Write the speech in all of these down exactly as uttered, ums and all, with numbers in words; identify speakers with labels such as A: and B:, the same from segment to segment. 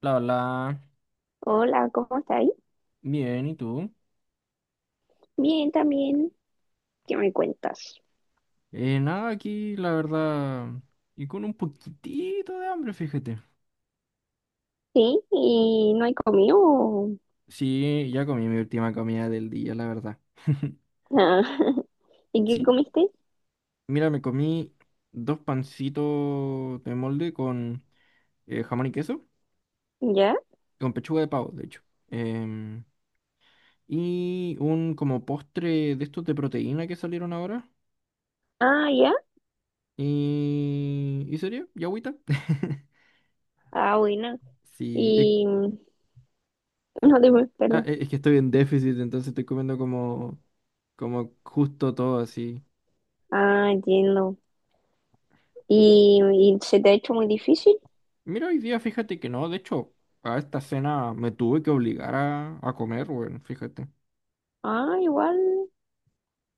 A: La Hola,
B: Hola, ¿cómo está ahí?
A: bien, ¿y tú?
B: Bien, también. ¿Qué me cuentas?
A: Eh, nada, aquí la verdad, y con un poquitito de hambre, fíjate.
B: Sí, ¿y no hay comido? o-
A: Sí, ya comí mi última comida del día, la verdad.
B: Ah, ¿y qué
A: Sí.
B: comiste?
A: Mira, me comí dos pancitos de molde con eh, jamón y queso,
B: ¿Ya?
A: con pechuga de pavo, de hecho. Em, y un como postre de estos de proteína que salieron ahora.
B: Ah, ya.
A: Y, y sería, y agüita.
B: Ah, buena.
A: Sí, es.
B: Y no te,
A: Ah,
B: perdón.
A: e- es que estoy en déficit, entonces estoy comiendo como, como justo todo así.
B: Ah, entiendo. ¿Y, y se te ha hecho muy difícil?
A: Mira, hoy día fíjate que no, de hecho, a esta cena me tuve que obligar a, a comer, bueno, fíjate.
B: Ah, igual,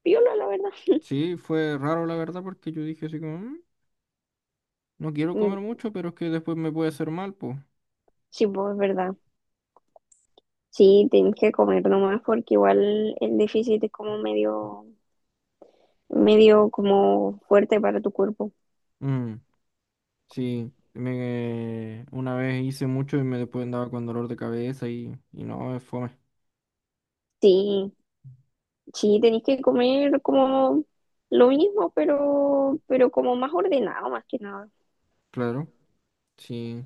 B: piola, la verdad.
A: Sí, fue raro la verdad porque yo dije así como, "Mm, no quiero comer
B: Mm,
A: mucho, pero es que después me puede hacer mal, pues."
B: sí, pues, es verdad. Sí, tienes que comer nomás porque igual el déficit es como medio, medio como fuerte para tu cuerpo.
A: Mm, sí, me, una vez hice mucho y me después andaba con dolor de cabeza y, y no, es fome.
B: Sí. Sí, tenéis que comer como lo mismo, pero, pero como más ordenado, más que nada.
A: Claro, sí.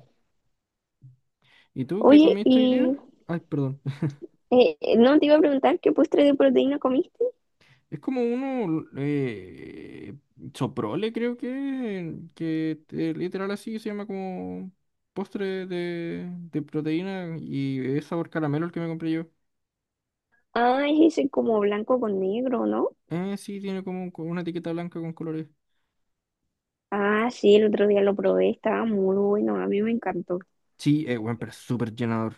A: ¿Y tú qué
B: Oye,
A: comiste hoy día?
B: y
A: Ay, perdón.
B: eh, no te iba a preguntar qué postre de proteína comiste.
A: Es como uno, eh, Soprole, creo que, que eh, literal así se llama como postre de, de proteína y es sabor caramelo el que me compré yo.
B: Ah, es ese como blanco con negro, ¿no?
A: Eh, sí, tiene como un co- una etiqueta blanca con colores.
B: Ah, sí, el otro día lo probé, estaba muy bueno, a mí me encantó.
A: Sí, es bueno, pero es súper llenador.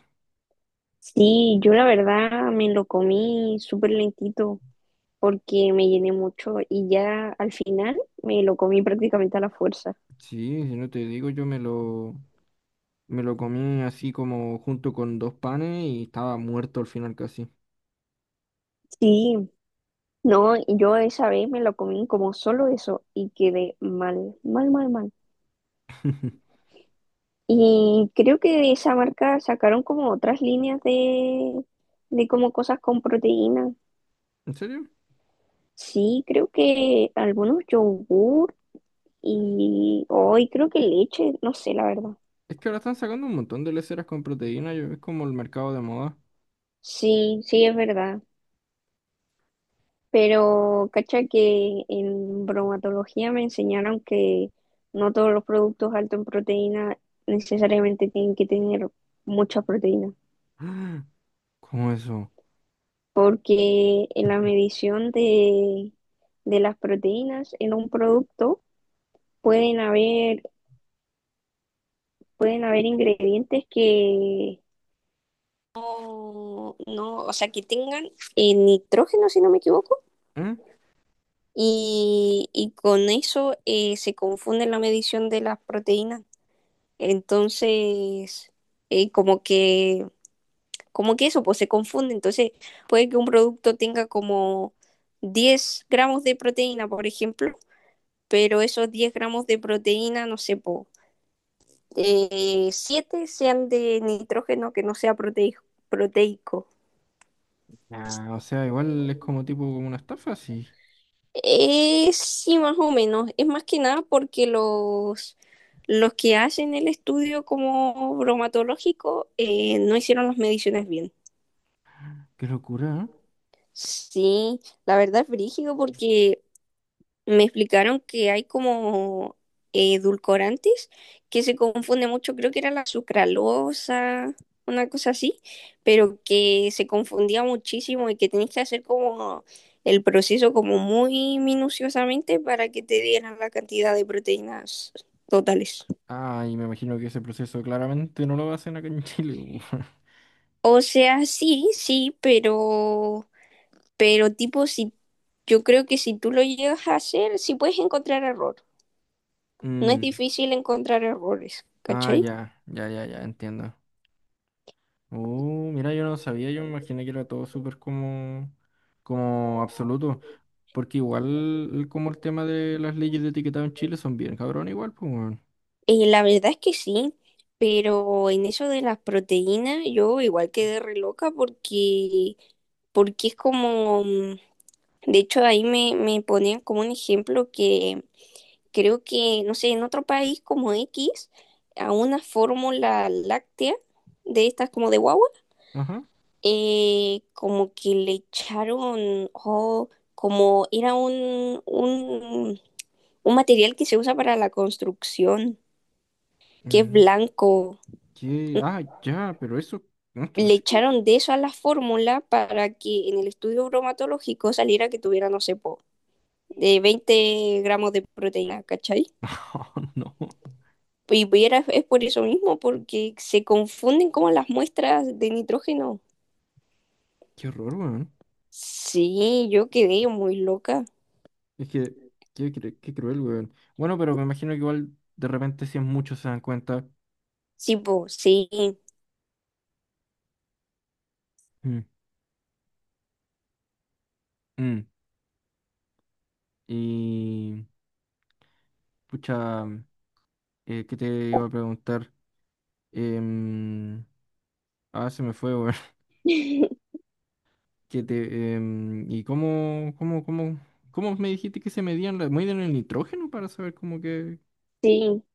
B: Sí, yo la verdad me lo comí súper lentito porque me llené mucho y ya al final me lo comí prácticamente a la fuerza.
A: Sí, si no te digo, yo me lo, me lo comí así como junto con dos panes y estaba muerto al final casi.
B: Sí. No, y yo esa vez me lo comí como solo eso y quedé mal, mal, mal, mal. Y creo que de esa marca sacaron como otras líneas de, de como cosas con proteína.
A: ¿En serio?
B: Sí, creo que algunos yogur y hoy creo que leche, no sé la verdad.
A: Es que ahora están sacando un montón de leceras con proteína, yo, es como el mercado de moda.
B: Sí, sí es verdad. Pero cacha que en bromatología me enseñaron que no todos los productos altos en proteína necesariamente tienen que tener mucha proteína.
A: ¿Cómo eso?
B: Porque en la medición de, de las proteínas en un producto pueden haber, pueden haber ingredientes que no, no, o sea, que tengan eh, nitrógeno, si no me equivoco,
A: ¿Mm?
B: y, y con eso eh, se confunde la medición de las proteínas. Entonces, eh, como que, como que eso, pues se confunde. Entonces, puede que un producto tenga como diez gramos de proteína, por ejemplo, pero esos diez gramos de proteína, no sé, po, eh, siete sean de nitrógeno que no sea proteico proteico.
A: Ah, o sea, igual es como tipo como una estafa, sí.
B: Eh, sí, más o menos. Es más que nada porque los, los que hacen el estudio como bromatológico eh, no hicieron las mediciones bien.
A: Qué locura, ¿eh?
B: Sí, la verdad es brígido porque me explicaron que hay como eh, edulcorantes que se confunde mucho, creo que era la sucralosa, una cosa así, pero que se confundía muchísimo y que tenías que hacer como el proceso como muy minuciosamente para que te dieran la cantidad de proteínas totales.
A: Ah, y me imagino que ese proceso claramente no lo hacen acá en Chile.
B: O sea, sí, sí, pero, pero tipo, si yo creo que si tú lo llegas a hacer, sí puedes encontrar error. No es
A: Mm.
B: difícil encontrar errores,
A: Ah,
B: ¿cachai?
A: ya, ya, ya, ya, entiendo. Uh, mira, yo no sabía, yo me imaginé que era todo súper como, como absoluto. Porque igual como el tema de las leyes de etiquetado en Chile son bien cabrón igual, pues. weón.
B: Eh, la verdad es que sí, pero en eso de las proteínas yo igual quedé re loca porque, porque es como, mm, de hecho ahí me, me ponían como un ejemplo que creo que, no sé, en otro país como equis, a una fórmula láctea de estas como de guagua,
A: Ajá.
B: eh, como que le echaron, oh, como era un, un, un material que se usa para la construcción, que es
A: Mm.
B: blanco.
A: ¿Qué? Ah, ya, pero eso, ¿no es
B: Le
A: tóxico?
B: echaron de eso a la fórmula para que en el estudio bromatológico saliera que tuviera, no sé, po, de veinte gramos de proteína, ¿cachai?
A: No, no.
B: Y era, es por eso mismo, porque se confunden como las muestras de nitrógeno.
A: Qué horror, weón.
B: Sí, yo quedé muy loca.
A: Es que, qué, cru- qué cruel, weón. Bueno, pero me imagino que igual de repente si es mucho se dan cuenta.
B: Sí, pues, sí.
A: Mm, mm. Y, pucha, mm, eh, ¿qué te iba a preguntar? Em, ah, se me fue, weón. ¿Qué te, em, ¿y cómo, cómo, cómo, cómo me dijiste que se medían, la- medían el nitrógeno para saber cómo que...
B: Sí,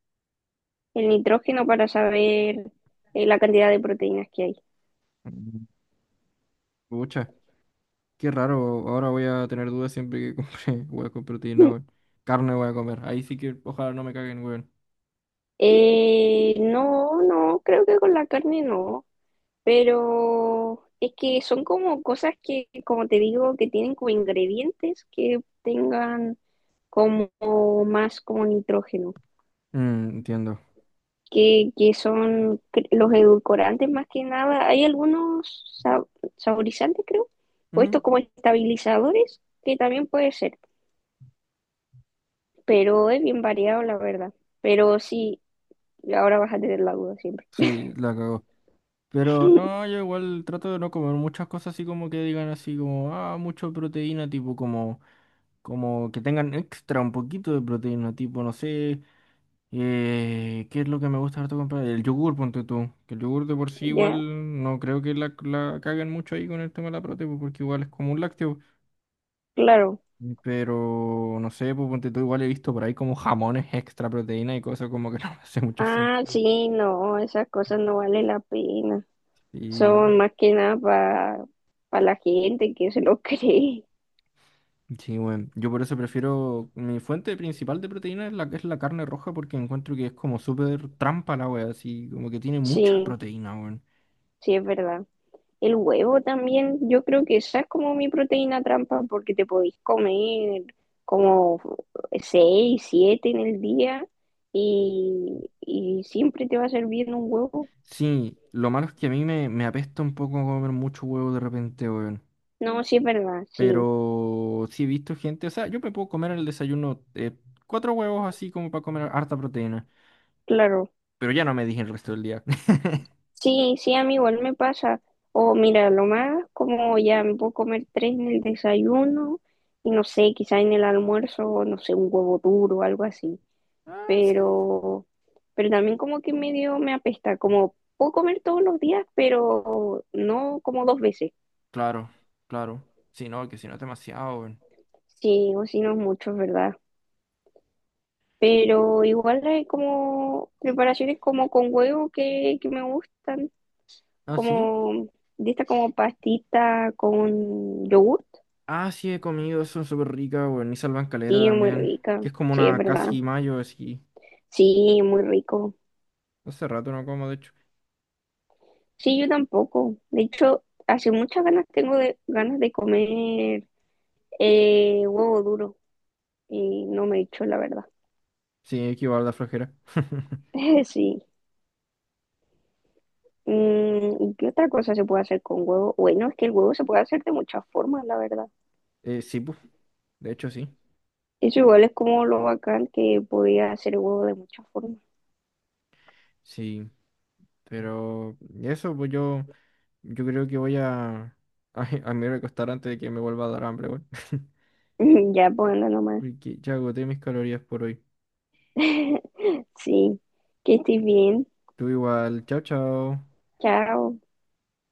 B: el nitrógeno para saber eh, la cantidad de proteínas que hay.
A: Mm. Pucha, qué raro. Ahora voy a tener dudas siempre que compre hueco proteína, weón. Carne voy a comer. Ahí sí que ojalá no me caguen, weón.
B: Eh, no, no, creo que con la carne no. Pero es que son como cosas que, como te digo, que tienen como ingredientes que tengan como más como nitrógeno,
A: Mm, entiendo.
B: que, que son cre- los edulcorantes más que nada. Hay algunos sa- saborizantes, creo, o
A: Mm.
B: estos como estabilizadores, que también puede ser, pero es bien variado, la verdad. Pero sí, ahora vas a tener la duda siempre.
A: Sí, la cagó. Pero no, yo igual trato de no comer muchas cosas así como que digan así como, ah, mucho proteína, tipo como, como que tengan extra un poquito de proteína, tipo, no sé, eh, ¿qué es lo que me gusta harto comprar? El yogur, ponte tú. Que el yogur de por sí
B: Ya,
A: igual no creo que la, la caguen mucho ahí con el tema de la proteína, porque igual es como un lácteo.
B: claro.
A: Pero no sé, pues ponte tú igual he visto por ahí como jamones extra proteína y cosas como que no me hace mucho
B: Ah,
A: sentido.
B: sí, no, esas cosas no vale la pena. Son más que nada para la gente que se lo cree.
A: Sí, bueno, yo por eso prefiero mi fuente principal de proteína es la, es la carne roja porque encuentro que es como súper trampa la wea, así como que tiene mucha
B: Sí,
A: proteína, weón.
B: sí, es verdad. El huevo también, yo creo que esa es como mi proteína trampa porque te podéis comer como seis, siete en el día y, y siempre te va a servir un huevo.
A: Sí, lo malo es que a mí me, me apesta un poco comer mucho huevo de repente, weón.
B: No, sí es verdad, sí,
A: Pero sí he visto gente, o sea, yo me puedo comer en el desayuno eh, cuatro huevos así como para comer harta proteína,
B: claro.
A: pero ya no me dije el resto del día.
B: Sí, sí, a mí igual me pasa. O mira, lo más como ya me puedo comer tres en el desayuno y no sé, quizá en el almuerzo, no sé, un huevo duro o algo así.
A: Ah, sí.
B: Pero, pero también como que medio me apesta, como puedo comer todos los días, pero no como dos veces.
A: Claro, claro. Sí, no, que si no es demasiado, weón.
B: Sí, o si no es mucho, es verdad. Pero igual hay como preparaciones como con huevo que, que me gustan,
A: Ah, sí.
B: como de esta como pastita con yogur.
A: Ah, sí, he comido, son súper ricas, weón. Y salvan caleta
B: Sí, muy
A: también.
B: rica.
A: Que es como
B: Sí, es
A: una
B: verdad.
A: casi mayo, así.
B: Sí, muy rico.
A: Hace rato no como, de hecho.
B: Sí, yo tampoco. De hecho, hace muchas ganas tengo de, ganas de comer eh, huevo duro y no me he hecho la verdad.
A: Sí, es que igual da flojera.
B: Sí. Mm, ¿qué otra cosa se puede hacer con huevo? Bueno, es que el huevo se puede hacer de muchas formas, la verdad.
A: Eh, sí, pues. De hecho, sí.
B: Eso igual es como lo bacán que podía hacer el huevo de muchas formas.
A: Sí. Pero eso, pues yo, yo creo que voy a, a, a me recostar antes de que me vuelva a dar hambre, weón.
B: Ya, pues anda nomás.
A: Porque ya agoté mis calorías por hoy.
B: Sí. Que estés bien.
A: Tú igual. Chao, chao.
B: Chao.